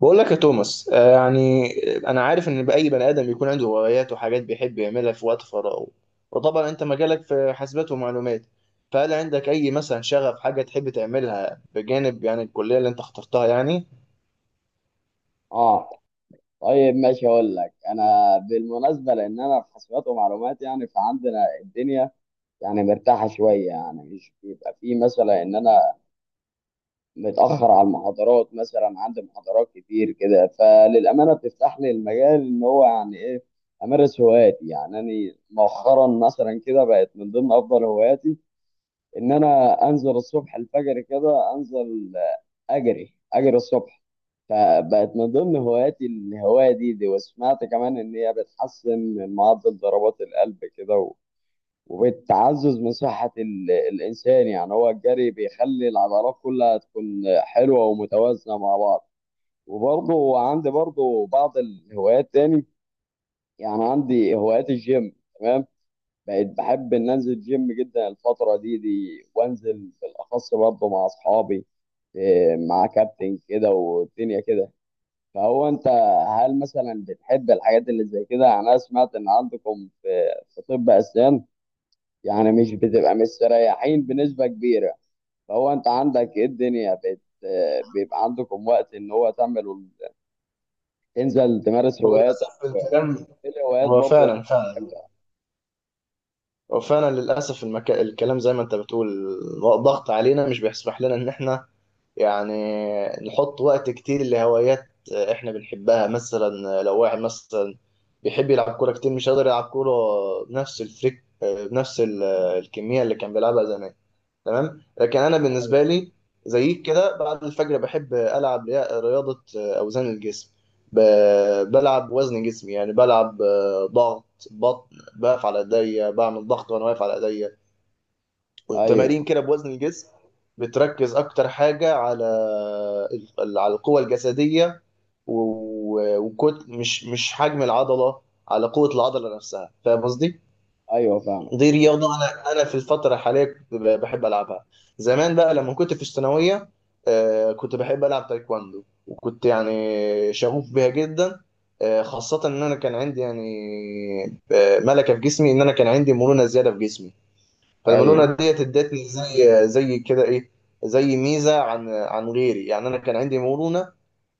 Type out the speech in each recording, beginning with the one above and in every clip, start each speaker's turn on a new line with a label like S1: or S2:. S1: بقول لك يا توماس، يعني انا عارف ان اي بني ادم بيكون عنده هوايات وحاجات بيحب يعملها في وقت فراغه. وطبعا انت مجالك في حاسبات ومعلومات. فهل عندك اي مثلا شغف، حاجه تحب تعملها بجانب يعني الكليه اللي انت اخترتها، يعني؟
S2: اه. طيب ماشي، اقول لك انا بالمناسبه، لان انا في حسابات ومعلومات، يعني فعندنا الدنيا يعني مرتاحه شويه، يعني مش بيبقى في مثلا ان انا متاخر على المحاضرات مثلا. عندي محاضرات كتير كده، فللامانه بتفتح لي المجال ان هو يعني ايه امارس هواياتي. يعني انا مؤخرا مثلا كده بقت من ضمن افضل هواياتي ان انا انزل الصبح الفجر كده، انزل اجري الصبح. فبقت من ضمن هواياتي الهوايه دي، وسمعت كمان ان هي بتحسن من معدل ضربات القلب كده، وبتعزز من صحه الانسان. يعني هو الجري بيخلي العضلات كلها تكون حلوه ومتوازنه مع بعض. وبرضه عندي بعض الهوايات تاني. يعني عندي هوايات الجيم. تمام. بقيت بحب ان انزل جيم جدا الفتره دي، وانزل بالاخص برضه مع اصحابي. إيه، مع كابتن كده والدنيا كده. فهو انت، هل مثلا بتحب الحاجات اللي زي كده؟ يعني انا سمعت ان عندكم في في طب اسنان يعني مش بتبقى مستريحين بنسبه كبيره. فهو انت عندك ايه الدنيا، بت آه، بيبقى عندكم وقت ان هو تعمل، تنزل تمارس
S1: هو
S2: هواياتك؟
S1: للاسف الكلام،
S2: ايه الهوايات
S1: هو
S2: برضه
S1: فعلا
S2: اللي
S1: فعلا،
S2: انت
S1: هو فعلا للاسف الكلام زي ما انت بتقول ضغط علينا، مش بيسمح لنا ان احنا يعني نحط وقت كتير لهوايات احنا بنحبها. مثلا لو واحد مثلا بيحب يلعب كورة كتير، مش قادر يلعب كورة بنفس الفريك، بنفس الكمية اللي كان بيلعبها زمان. تمام. لكن انا بالنسبة
S2: بتعملها؟
S1: لي زيك كده بعد الفجر بحب العب رياضة اوزان الجسم. بلعب وزن جسمي، يعني بلعب ضغط بطن، بقف على ايديا، بعمل ضغط وانا واقف على ايديا، وتمارين
S2: ايوه،
S1: كده بوزن الجسم. بتركز اكتر حاجه على على القوه الجسديه، وكت مش حجم العضله، على قوه العضله نفسها. فاهم قصدي؟
S2: ايوه فاهمك.
S1: دي رياضه انا في الفتره الحاليه كنت بحب العبها. زمان بقى لما كنت في الثانويه، كنت بحب العب تايكواندو وكنت يعني شغوف بيها جدا. خاصه ان انا كان عندي يعني ملكه في جسمي، ان انا كان عندي مرونه زياده في جسمي. فالمرونه
S2: ايوه،
S1: ديت ادتني زي كده ايه، زي ميزه عن غيري، يعني انا كان عندي مرونه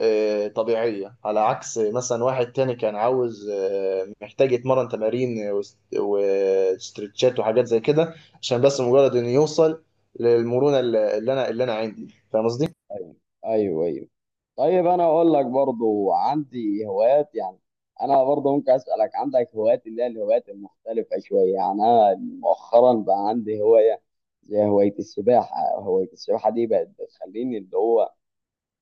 S1: طبيعيه، على عكس مثلا واحد تاني كان عاوز، محتاج يتمرن تمارين وستريتشات وحاجات زي كده، عشان بس مجرد انه يوصل للمرونه اللي انا عندي. فاهم قصدي؟
S2: ايوه، ايوه، ايوه. طيب انا اقول لك برضو عندي هوايات. يعني انا برضو ممكن اسالك عندك هوايات اللي هي الهوايات المختلفه شويه. يعني انا مؤخرا بقى عندي هوايه زي هوايه السباحه. هوايه السباحه دي بقت بتخليني اللي هو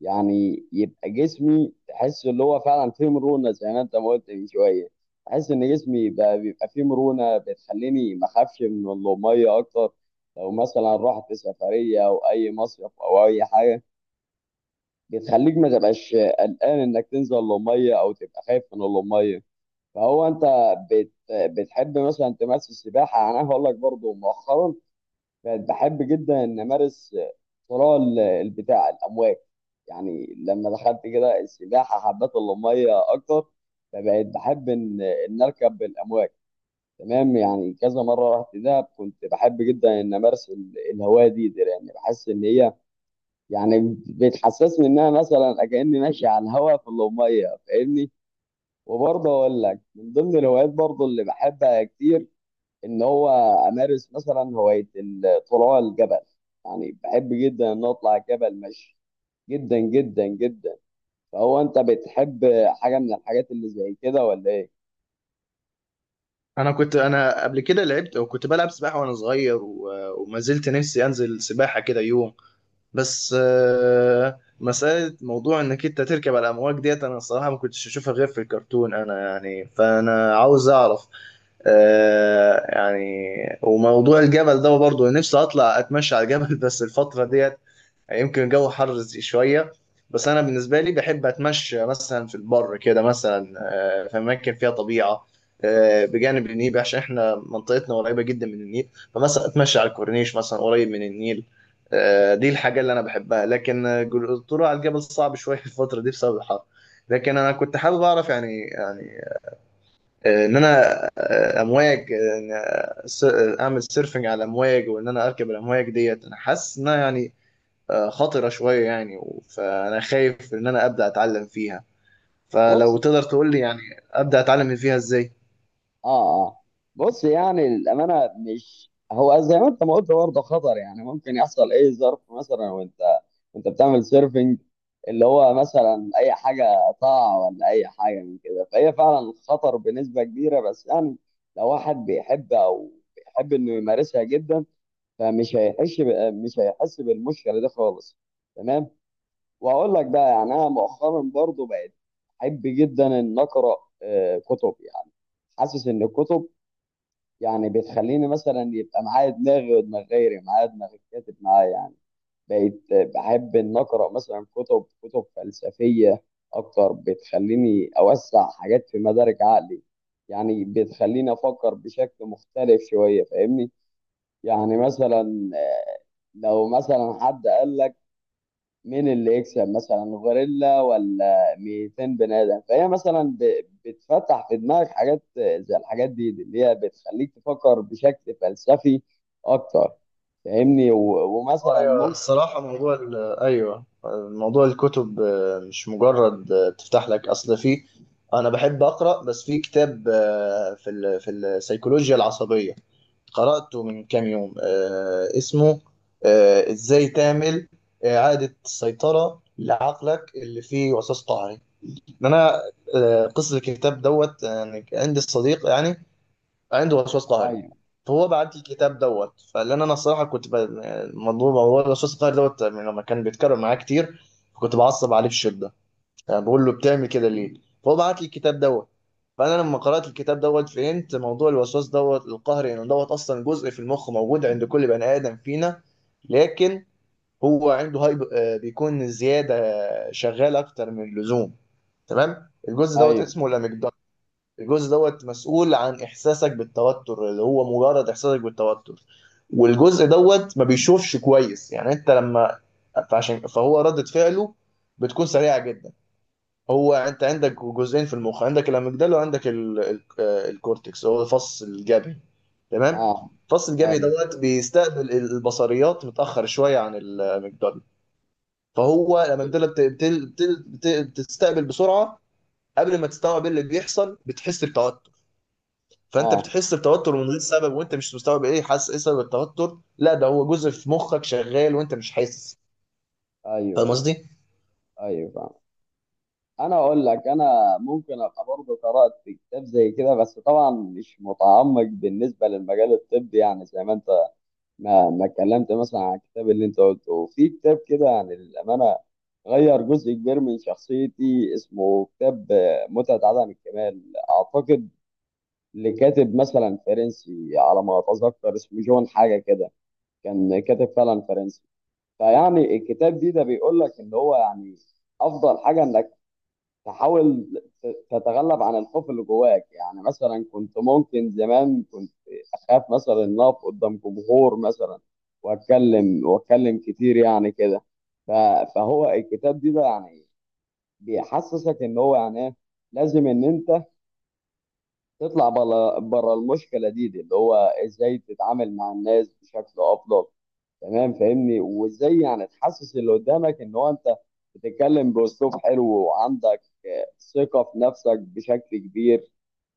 S2: يعني يبقى جسمي، تحس اللي هو فعلا فيه مرونه زي ما انت ما قلت من شويه. تحس ان جسمي بقى بيبقى فيه مرونه، بتخليني ما اخافش من الميه اكتر. لو مثلا رحت سفريه او اي مصيف او اي حاجه، بتخليك ما تبقاش قلقان انك تنزل للميه او تبقى خايف من الميه. فهو انت، بت بتحب مثلا تمارس السباحه؟ يعني انا هقول لك برضو مؤخرا بقت بحب جدا ان امارس صراع البتاع الامواج. يعني لما دخلت كده السباحه حبيت الميه اكتر، فبقيت بحب ان اركب الامواج. تمام. يعني كذا مره رحت دهب كنت بحب جدا ان امارس الهوايه دي، لان بحس ان هي يعني بتحسسني ان انا مثلا كاني ماشي على الهواء في الأمية فاهمني. وبرضه اقول لك من ضمن الهوايات برضه اللي بحبها كتير ان هو امارس مثلا هواية الطلوع الجبل. يعني بحب جدا ان اطلع الجبل مشي، جدا جدا جدا. فهو انت بتحب حاجة من الحاجات اللي زي كده ولا ايه؟
S1: انا كنت قبل كده لعبت وكنت بلعب سباحه وانا صغير، وما زلت نفسي انزل سباحه كده يوم. بس مسألة موضوع انك انت تركب على الامواج ديت، انا الصراحة ما كنتش اشوفها غير في الكرتون، انا يعني، فانا عاوز اعرف يعني. وموضوع الجبل ده برضه نفسي اطلع اتمشى على الجبل. بس الفترة ديت يمكن الجو حر شوية. بس أنا بالنسبة لي بحب أتمشى مثلا في البر كده، مثلا في أماكن فيها طبيعة، بجانب النيل، عشان إحنا منطقتنا قريبة جدا من النيل. فمثلا أتمشى على الكورنيش مثلا قريب من النيل. دي الحاجة اللي أنا بحبها. لكن الطلوع على الجبل صعب شوية الفترة دي بسبب الحر. لكن أنا كنت حابب أعرف، يعني إن أنا آه، أمواج آه، إن، آه، س- آه، أعمل سيرفنج على الأمواج، وإن أنا أركب الأمواج ديت. أنا حاسس إن أنا يعني خطرة شوية يعني. فأنا خايف إن أنا أبدأ أتعلم فيها.
S2: بص.
S1: فلو تقدر تقول لي، يعني أبدأ أتعلم فيها إزاي؟
S2: اه، اه. بص، يعني الامانه مش هو زي ما انت ما قلت برضه خطر. يعني ممكن يحصل اي ظرف مثلا وانت بتعمل سيرفنج، اللي هو مثلا اي حاجه تقع ولا اي حاجه من كده، فهي فعلا خطر بنسبه كبيره. بس يعني لو واحد بيحب، او بيحب انه يمارسها جدا، فمش هيحس مش هيحس بالمشكله دي خالص. تمام. واقول لك بقى، يعني انا مؤخرا برضه بقيت احب جدا ان اقرا كتب. يعني حاسس ان الكتب يعني بتخليني مثلا يبقى معايا دماغي ودماغ غيري، معايا دماغ الكاتب معايا. يعني بقيت بحب ان اقرا مثلا كتب فلسفيه اكتر، بتخليني اوسع حاجات في مدارك عقلي. يعني بتخليني افكر بشكل مختلف شويه فاهمني. يعني مثلا لو مثلا حد قال لك مين اللي يكسب مثلا غوريلا ولا 200 بني ادم، فهي مثلا بتفتح في دماغك حاجات زي الحاجات دي اللي هي بتخليك تفكر بشكل فلسفي اكتر فاهمني. ومثلا
S1: أيوة،
S2: ممكن.
S1: الصراحة أيوه، موضوع الكتب مش مجرد تفتح لك أصل في، أنا بحب أقرأ. بس في كتاب في في السيكولوجيا العصبية قرأته من كام يوم، اسمه إزاي تعمل إعادة سيطرة لعقلك اللي فيه وسواس قهري. ان انا آه، قصه الكتاب دوت، يعني عندي صديق يعني عنده وسواس قهري.
S2: ايوه،
S1: فهو بعت لي الكتاب دوت، فلان انا الصراحه كنت مضروب. هو الوسواس القهري دوت يعني لما كان بيتكرر معايا كتير كنت بعصب عليه بشده، يعني بقول له: بتعمل كده ليه؟ فهو بعت لي الكتاب دوت. فانا لما قرات الكتاب دوت فهمت موضوع الوسواس دوت القهري، انه دوت اصلا جزء في المخ موجود عند كل بني ادم فينا. لكن هو عنده هايب، بيكون زياده، شغال اكتر من اللزوم. تمام. الجزء دوت
S2: ايوه.
S1: اسمه الاميجدالا. الجزء دوت مسؤول عن احساسك بالتوتر، اللي هو مجرد احساسك بالتوتر. والجزء دوت ما بيشوفش كويس، يعني انت لما، فعشان فهو ردة فعله بتكون سريعة جدا. هو انت عندك جزئين في المخ، عندك الاميجدالا وعندك ال... ال... آه، الكورتكس، هو الفص الجبهي. تمام.
S2: اه،
S1: الفص الجبهي
S2: ايوه،
S1: دوت بيستقبل البصريات متأخر شوية عن الاميجدالا. فهو الاميجدالا
S2: ايوه.
S1: بتستقبل بسرعة، قبل ما تستوعب ايه اللي بيحصل بتحس بتوتر. فانت
S2: اه،
S1: بتحس بتوتر من غير سبب وانت مش مستوعب، ايه حاسس، ايه سبب التوتر؟ لا، ده هو جزء في مخك شغال وانت مش حاسس.
S2: ايوه،
S1: فاهم
S2: ايوه،
S1: قصدي؟
S2: ايوه فاهم. انا اقول لك انا ممكن ابقى برضه قرات كتاب زي كده، بس طبعا مش متعمق بالنسبه للمجال الطبي. يعني زي ما انت ما اتكلمت مثلا عن الكتاب اللي انت قلته. وفي كتاب كده عن الامانه غير جزء كبير من شخصيتي، اسمه كتاب متعه عدم الكمال، اعتقد، لكاتب مثلا فرنسي على ما اتذكر اسمه جون حاجه كده. كان كاتب فعلا فرنسي. فيعني الكتاب دي ده بيقول لك ان هو يعني افضل حاجه انك تحاول تتغلب عن الخوف اللي جواك. يعني مثلا كنت، ممكن زمان كنت اخاف مثلا ان اقف قدام جمهور مثلا واتكلم واتكلم كتير يعني كده. ف- فهو الكتاب دي بقى، يعني بيحسسك ان هو يعني ايه لازم ان انت تطلع بره المشكله دي، اللي هو ازاي تتعامل مع الناس بشكل افضل. تمام فاهمني. وازاي يعني تحسس اللي قدامك ان هو انت بتتكلم باسلوب حلو وعندك ثقة في نفسك بشكل كبير.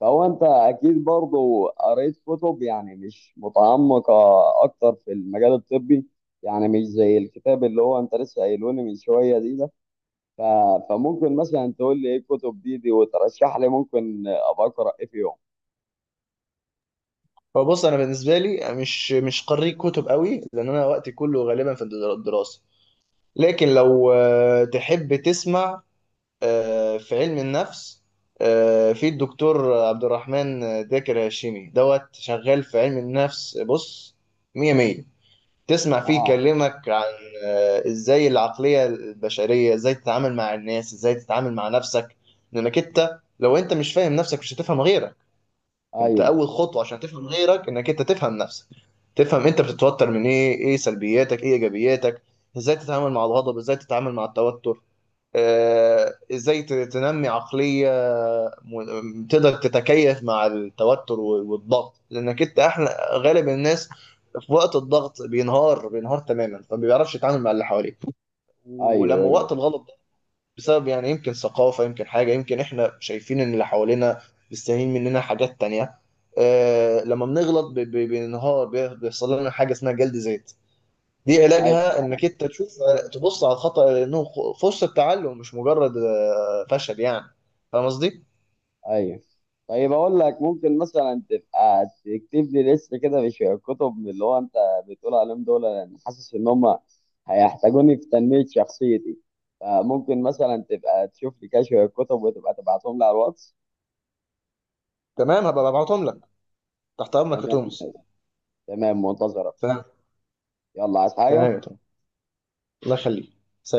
S2: فهو انت اكيد برضو قريت كتب يعني مش متعمقة اكتر في المجال الطبي، يعني مش زي الكتاب اللي هو انت لسه قايلوني من شوية دي ده. ف... فممكن مثلا تقول لي ايه الكتب دي، وترشح لي ممكن ابقى اقرا ايه فيهم.
S1: فبص، انا بالنسبه لي مش قارئ كتب قوي، لان انا وقتي كله غالبا في الدراسه. لكن لو تحب تسمع في علم النفس، في الدكتور عبد الرحمن، داكر هاشمي دوت شغال في علم النفس. بص، مية مية. تسمع فيه
S2: اه،
S1: يكلمك عن ازاي العقلية البشرية، ازاي تتعامل مع الناس، ازاي تتعامل مع نفسك. لانك انت لو انت مش فاهم نفسك مش هتفهم غيرك. انت
S2: ايوه،
S1: اول خطوة عشان تفهم غيرك انك انت تفهم نفسك. تفهم انت بتتوتر من ايه، ايه سلبياتك، ايه ايجابياتك، ازاي تتعامل مع الغضب، ازاي تتعامل مع التوتر. ازاي تنمي عقلية تقدر تتكيف مع التوتر والضغط، لانك انت احلى غالب الناس في وقت الضغط بينهار بينهار تماما، فما بيعرفش يتعامل مع اللي حواليه.
S2: ايوه،
S1: ولما
S2: ايوه،
S1: وقت الغلط ده بسبب، يعني يمكن ثقافة، يمكن حاجة، يمكن احنا شايفين ان اللي حوالينا مستاهلين مننا حاجات تانية. لما بنغلط بننهار، بيحصل لنا حاجة اسمها جلد ذات. دي علاجها
S2: ايوه،
S1: انك انت تشوف، تبص على الخطأ انه فرصة تعلم، مش مجرد فشل يعني. فاهم قصدي؟
S2: ايوه. طيب اقول لك، ممكن مثلا تبقى تكتب لي لسه كده، مش كتب من اللي هو انت بتقول عليهم دول، لان حاسس ان هم هيحتاجوني في تنمية شخصيتي. فممكن مثلا تبقى تشوف لي كده شوية كتب وتبقى تبعتهم لي على الواتس.
S1: تمام، هبقى ببعتهم لك. تحت امرك
S2: تمام.
S1: يا توماس.
S2: تمام منتظرك.
S1: تمام.
S2: يلا، عايز
S1: تمام
S2: حاجة؟
S1: يا توماس، الله يخليك. سلام.